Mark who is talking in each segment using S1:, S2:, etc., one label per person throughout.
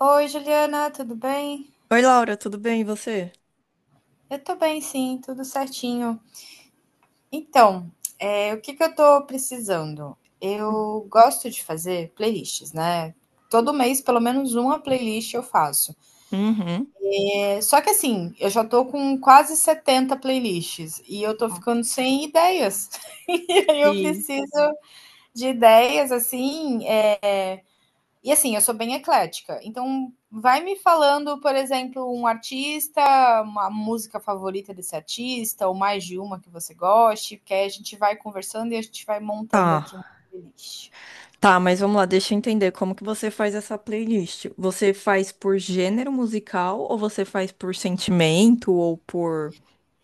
S1: Oi, Juliana, tudo bem?
S2: Oi, Laura, tudo bem? E você?
S1: Eu tô bem, sim, tudo certinho. Então, o que que eu tô precisando? Eu gosto de fazer playlists, né? Todo mês, pelo menos uma playlist eu faço.
S2: Uhum.
S1: É, só que assim, eu já tô com quase 70 playlists e eu tô ficando sem ideias. E aí eu
S2: Sim.
S1: preciso de ideias, assim, e assim, eu sou bem eclética. Então, vai me falando, por exemplo, um artista, uma música favorita desse artista, ou mais de uma que você goste, porque aí a gente vai conversando e a gente vai
S2: Tá,
S1: montando aqui uma playlist.
S2: tá, mas vamos lá, deixa eu entender como que você faz essa playlist. Você faz por gênero musical ou você faz por sentimento ou por,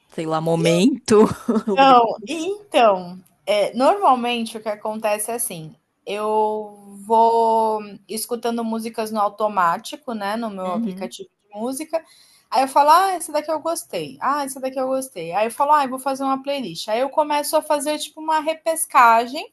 S2: sei lá, momento? Lugar.
S1: Não, então, normalmente o que acontece é assim, eu vou escutando músicas no automático, né, no meu
S2: Uhum.
S1: aplicativo de música, aí eu falo: "Ah, essa daqui eu gostei. Ah, essa daqui eu gostei". Aí eu falo: "Ai, vou fazer uma playlist". Aí eu começo a fazer, tipo, uma repescagem.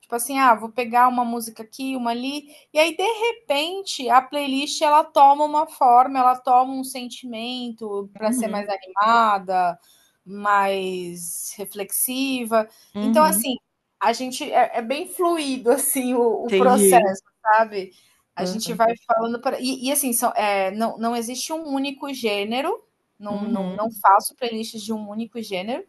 S1: Tipo assim, ah, vou pegar uma música aqui, uma ali, e aí de repente a playlist ela toma uma forma, ela toma um sentimento para ser mais
S2: Uhum.
S1: animada, mais reflexiva. Então
S2: Uhum.
S1: assim, a gente é bem fluido assim o
S2: Entendi.
S1: processo, sabe? A gente
S2: Aham.
S1: vai falando e, assim são, não, não existe um único gênero, não, não, não
S2: Uhum.
S1: faço playlists de um único gênero.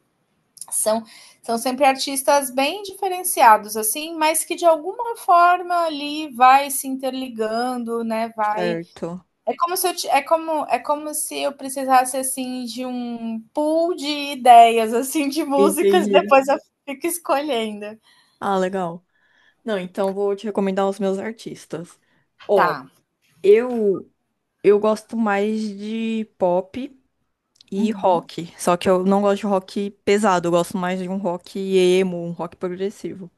S1: São, são sempre artistas bem diferenciados, assim, mas que de alguma forma ali vai se interligando, né? Vai.
S2: Certo.
S1: É como se eu, é como se eu precisasse assim de um pool de ideias, assim, de músicas,
S2: Entendi.
S1: depois eu fico escolhendo.
S2: Ah, legal. Não, então vou te recomendar os meus artistas. Ó,
S1: Tá.
S2: eu eu gosto mais de pop e
S1: Uhum.
S2: rock. Só que eu não gosto de rock pesado, eu gosto mais de um rock emo, um rock progressivo,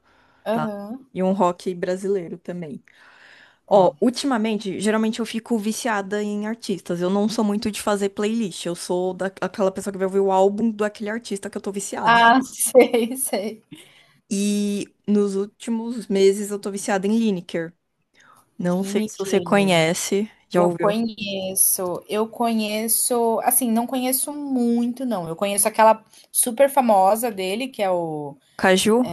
S2: tá?
S1: Aham.
S2: E um rock brasileiro também. Ó,
S1: Tá.
S2: ultimamente, geralmente eu fico viciada em artistas. Eu não sou muito de fazer playlist. Eu sou daquela pessoa que vai ouvir o álbum do aquele artista que eu tô viciada.
S1: Ah, sei, sei.
S2: E nos últimos meses eu tô viciada em Lineker. Não sei se você
S1: Lineker.
S2: conhece, já ouviu?
S1: Eu conheço, assim, não conheço muito não, eu conheço aquela super famosa dele que é o
S2: Caju?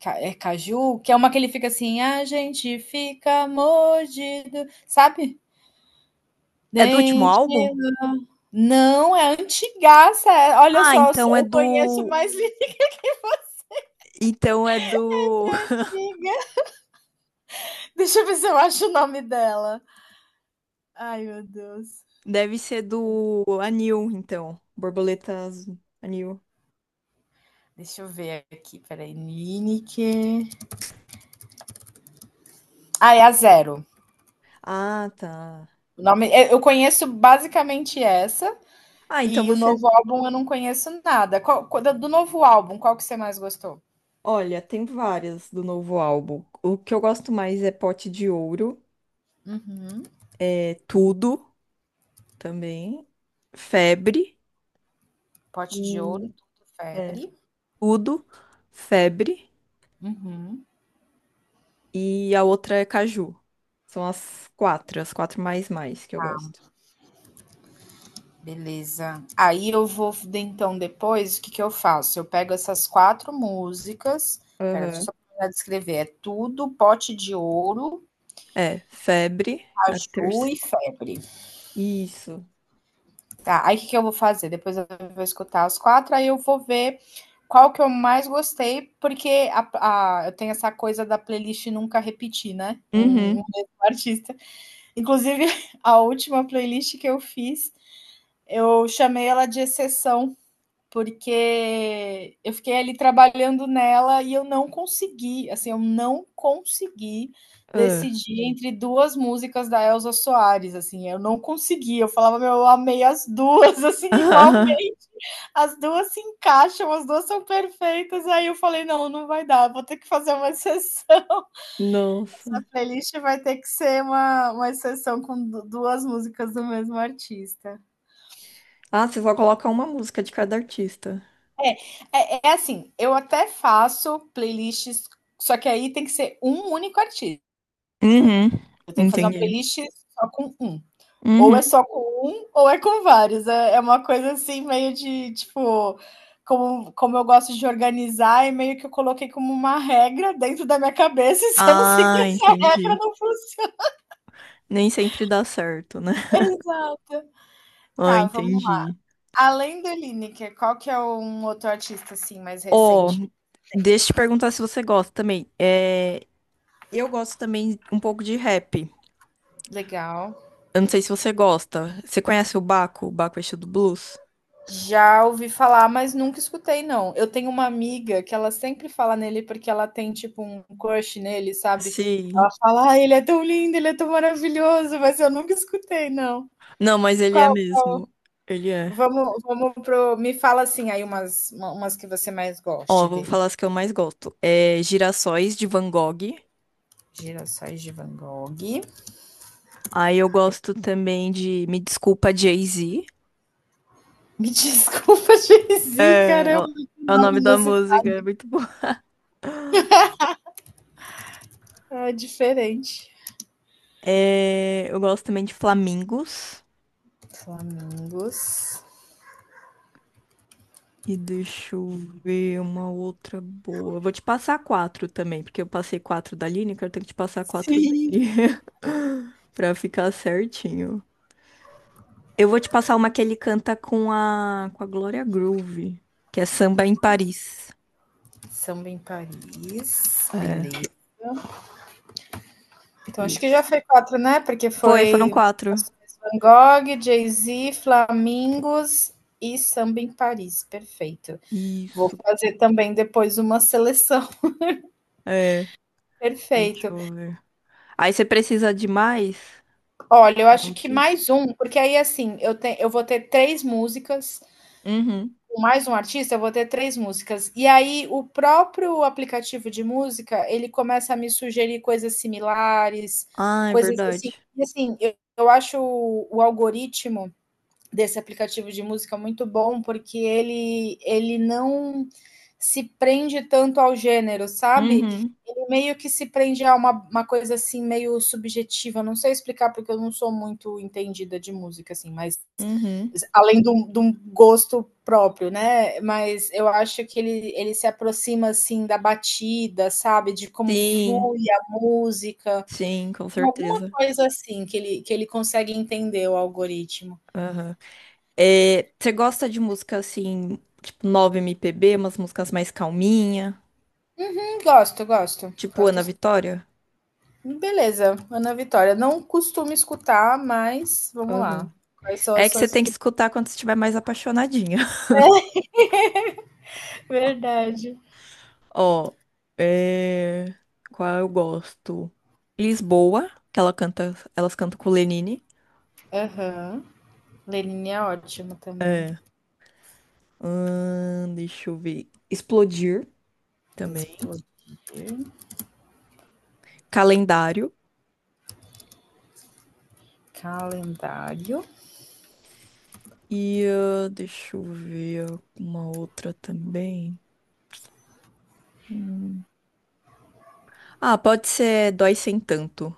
S1: Ca é Caju, que é uma que ele fica assim: "A gente fica mordido", sabe?
S2: É do último
S1: Dente
S2: álbum?
S1: não, é antigaça, olha
S2: Ah,
S1: só,
S2: então é
S1: eu conheço
S2: do.
S1: mais letra
S2: Então é do.
S1: antiga. Deixa eu ver se eu acho o nome dela. Ai, meu Deus.
S2: Deve ser do Anil, então. Borboleta Azul. Anil.
S1: Deixa eu ver aqui, peraí, aí, Nineker. Ah, é a Zero.
S2: Ah, tá.
S1: O nome, eu conheço basicamente essa
S2: Ah, então
S1: e o
S2: você.
S1: novo álbum eu não conheço nada. Do novo álbum, qual que você mais gostou?
S2: Olha, tem várias do novo álbum. O que eu gosto mais é Pote de Ouro,
S1: Uhum.
S2: é Tudo também, Febre
S1: Pote de Ouro,
S2: e
S1: Tudo
S2: é
S1: Febre.
S2: Tudo, Febre
S1: Uhum.
S2: e a outra é Caju. São as quatro, as quatro mais que eu gosto.
S1: Beleza. Aí eu vou, então, depois, o que que eu faço? Eu pego essas quatro músicas. Pera, deixa eu
S2: Aham.
S1: só terminar de escrever. É Tudo, Pote de Ouro,
S2: É, Febre, a
S1: Caju
S2: terceira.
S1: e Febre.
S2: Isso.
S1: Tá, aí o que eu vou fazer? Depois eu vou escutar os quatro, aí eu vou ver qual que eu mais gostei, porque eu tenho essa coisa da playlist nunca repetir, né? Um
S2: Uhum.
S1: mesmo artista. Inclusive, a última playlist que eu fiz, eu chamei ela de exceção, porque eu fiquei ali trabalhando nela e eu não consegui, assim, eu não consegui
S2: Ah.
S1: decidir entre duas músicas da Elza Soares, assim, eu não consegui, eu falava, meu, eu amei as duas, assim, igualmente, as duas se encaixam, as duas são perfeitas, aí eu falei, não, não vai dar, vou ter que fazer uma exceção, essa
S2: Nossa.
S1: playlist vai ter que ser uma exceção com duas músicas do mesmo artista.
S2: Ah, você só coloca uma música de cada artista.
S1: É, é assim, eu até faço playlists, só que aí tem que ser um único artista.
S2: Uhum,
S1: Eu tenho que fazer uma
S2: entendi.
S1: playlist só com um. Ou
S2: Uhum.
S1: é só com um, ou é com vários. É uma coisa assim, meio de tipo. Como eu gosto de organizar, e meio que eu coloquei como uma regra dentro da minha cabeça, e se eu não seguir
S2: Ah,
S1: essa regra,
S2: entendi.
S1: não funciona.
S2: Nem sempre dá certo, né?
S1: Exato.
S2: Ah,
S1: Tá, vamos.
S2: entendi.
S1: Além do Lineker, qual que é um outro artista assim mais
S2: Ó,
S1: recente?
S2: deixa eu te perguntar se você gosta também. É, eu gosto também um pouco de rap.
S1: Legal.
S2: Eu não sei se você gosta. Você conhece o Baco? O Baco é do blues?
S1: Já ouvi falar, mas nunca escutei, não. Eu tenho uma amiga que ela sempre fala nele porque ela tem, tipo, um crush nele, sabe? Ela
S2: Sim.
S1: fala: "Ah, ele é tão lindo, ele é tão maravilhoso", mas eu nunca escutei, não.
S2: Não, mas ele
S1: Qual
S2: é mesmo. Ele é.
S1: vamos vamos pro me fala, assim, aí umas que você mais
S2: Ó,
S1: goste
S2: vou
S1: dele.
S2: falar as que eu mais gosto. É Girassóis de Van Gogh.
S1: Girassóis de Van Gogh.
S2: Aí eu gosto também de Me Desculpa Jay-Z.
S1: Me desculpa, Jay-Z,
S2: É, é
S1: caramba,
S2: o
S1: que
S2: é o
S1: nome
S2: nome da
S1: inusitado,
S2: música, é muito bom.
S1: é diferente.
S2: É, eu gosto também de Flamingos.
S1: Flamingos.
S2: E deixa eu ver uma outra boa. Eu vou te passar quatro também, porque eu passei quatro da Lineker, eu tenho que te passar quatro
S1: Sim.
S2: dele. Pra ficar certinho. Eu vou te passar uma que ele canta com a Gloria Groove, que é Samba em Paris.
S1: Samba em Paris.
S2: É,
S1: Beleza. Então, acho que já
S2: isso.
S1: foi quatro, né? Porque
S2: Foi, foram
S1: foi
S2: quatro.
S1: Van Gogh, Jay-Z, Flamingos e Samba em Paris. Perfeito. Vou
S2: Isso.
S1: fazer também depois uma seleção.
S2: É, deixa
S1: Perfeito.
S2: eu ver. Aí você precisa de mais?
S1: Olha, eu acho
S2: Não.
S1: que mais um, porque aí assim, eu vou ter três músicas.
S2: Uhum.
S1: Com mais um artista, eu vou ter três músicas. E aí, o próprio aplicativo de música, ele começa a me sugerir coisas similares,
S2: Ah, é
S1: coisas assim.
S2: verdade.
S1: E assim, eu acho o algoritmo desse aplicativo de música muito bom, porque ele não se prende tanto ao gênero, sabe?
S2: Uhum,
S1: Ele meio que se prende a uma coisa assim, meio subjetiva. Não sei explicar, porque eu não sou muito entendida de música, assim, mas
S2: uhum.
S1: além de um gosto próprio, né? Mas eu acho que ele se aproxima assim da batida, sabe? De como
S2: Sim,
S1: flui a música.
S2: sim, com
S1: Alguma
S2: certeza.
S1: coisa assim que ele consegue entender o algoritmo.
S2: Aham. É, você gosta de música assim, tipo 9 MPB, umas músicas mais calminha,
S1: Gosto, gosto.
S2: tipo
S1: Gosto.
S2: Ana Vitória?
S1: Beleza, Ana Vitória. Não costumo escutar, mas vamos
S2: Aham.
S1: lá. Quais são
S2: É
S1: as
S2: que você
S1: suas.
S2: tem que escutar quando você estiver mais apaixonadinha.
S1: Verdade.
S2: Ó, é... qual eu gosto? Lisboa, que ela canta, elas cantam com o Lenine.
S1: Aham. Lenine é ótimo também.
S2: É. Deixa eu ver. Explodir também.
S1: Explodir.
S2: Calendário.
S1: Calendário.
S2: E ah, deixa eu ver uma outra também. Hum. Ah, pode ser Dói Sem Tanto.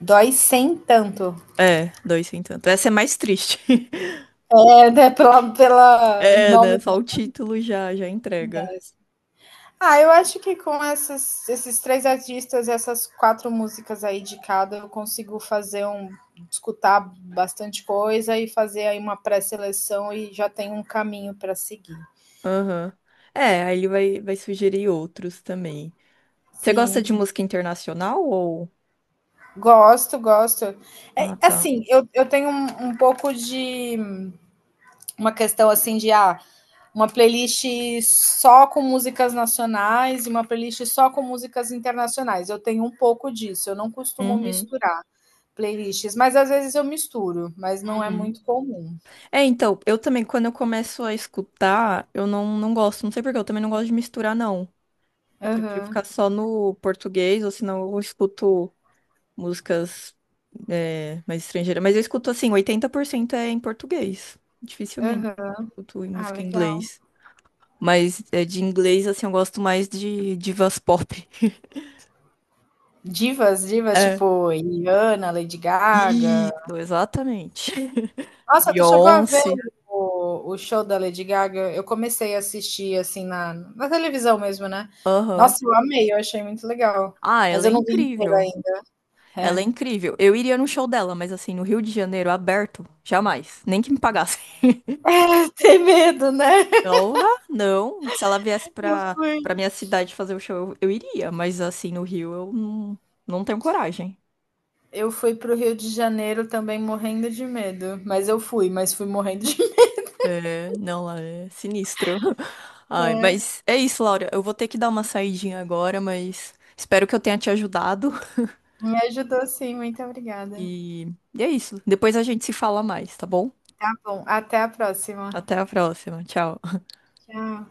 S1: Dói sem tanto.
S2: É, Dói Sem Tanto. Essa é mais triste.
S1: É, né, pela
S2: É, né?
S1: nome
S2: Só o título já, já entrega.
S1: do. Ah, eu acho que com esses três artistas, essas quatro músicas aí de cada, eu consigo fazer um. Escutar bastante coisa e fazer aí uma pré-seleção e já tem um caminho para seguir.
S2: Aham. É, aí ele vai, vai sugerir outros também. Você gosta de
S1: Sim,
S2: música internacional ou...
S1: gosto, gosto. É,
S2: Ah, tá.
S1: assim, eu tenho um pouco de. Uma questão assim de uma playlist só com músicas nacionais e uma playlist só com músicas internacionais. Eu tenho um pouco disso, eu não costumo
S2: Uhum.
S1: misturar playlists, mas às vezes eu misturo, mas não é
S2: Uhum.
S1: muito comum.
S2: É, então, eu também, quando eu começo a escutar, eu não, não gosto. Não sei por quê, eu também não gosto de misturar, não. Eu prefiro ficar
S1: Aham,
S2: só no português, ou senão eu escuto músicas mais estrangeiras. Mas eu escuto assim, 80% é em português. Dificilmente
S1: aham.
S2: escuto em
S1: Ah,
S2: música em
S1: legal.
S2: inglês. Mas é, de inglês, assim, eu gosto mais de divas pop.
S1: Divas, divas,
S2: É.
S1: tipo Rihanna, Lady Gaga.
S2: Isso, exatamente.
S1: Nossa, tu chegou a ver
S2: Beyoncé.
S1: o show da Lady Gaga? Eu comecei a assistir assim na televisão mesmo, né? Nossa,
S2: Aham.
S1: eu amei, eu achei muito legal.
S2: Ah,
S1: Mas
S2: ela é
S1: eu não vi inteiro
S2: incrível.
S1: ainda.
S2: Ela é
S1: É.
S2: incrível. Eu iria no show dela, mas assim, no Rio de Janeiro, aberto, jamais. Nem que me pagassem.
S1: Tem medo, né?
S2: Porra, não. Se ela viesse
S1: Eu
S2: pra,
S1: fui.
S2: pra minha cidade fazer o show, eu iria, mas assim, no Rio eu não, não tenho coragem.
S1: Eu fui pro Rio de Janeiro também morrendo de medo. Mas eu fui, mas fui morrendo de medo.
S2: É, não, lá é sinistro. Ai,
S1: É,
S2: mas é isso, Laura. Eu vou ter que dar uma saidinha agora, mas espero que eu tenha te ajudado.
S1: me ajudou sim, muito obrigada.
S2: E, e é isso. Depois a gente se fala mais, tá bom?
S1: Tá bom, até a próxima.
S2: Até a próxima. Tchau.
S1: Tchau.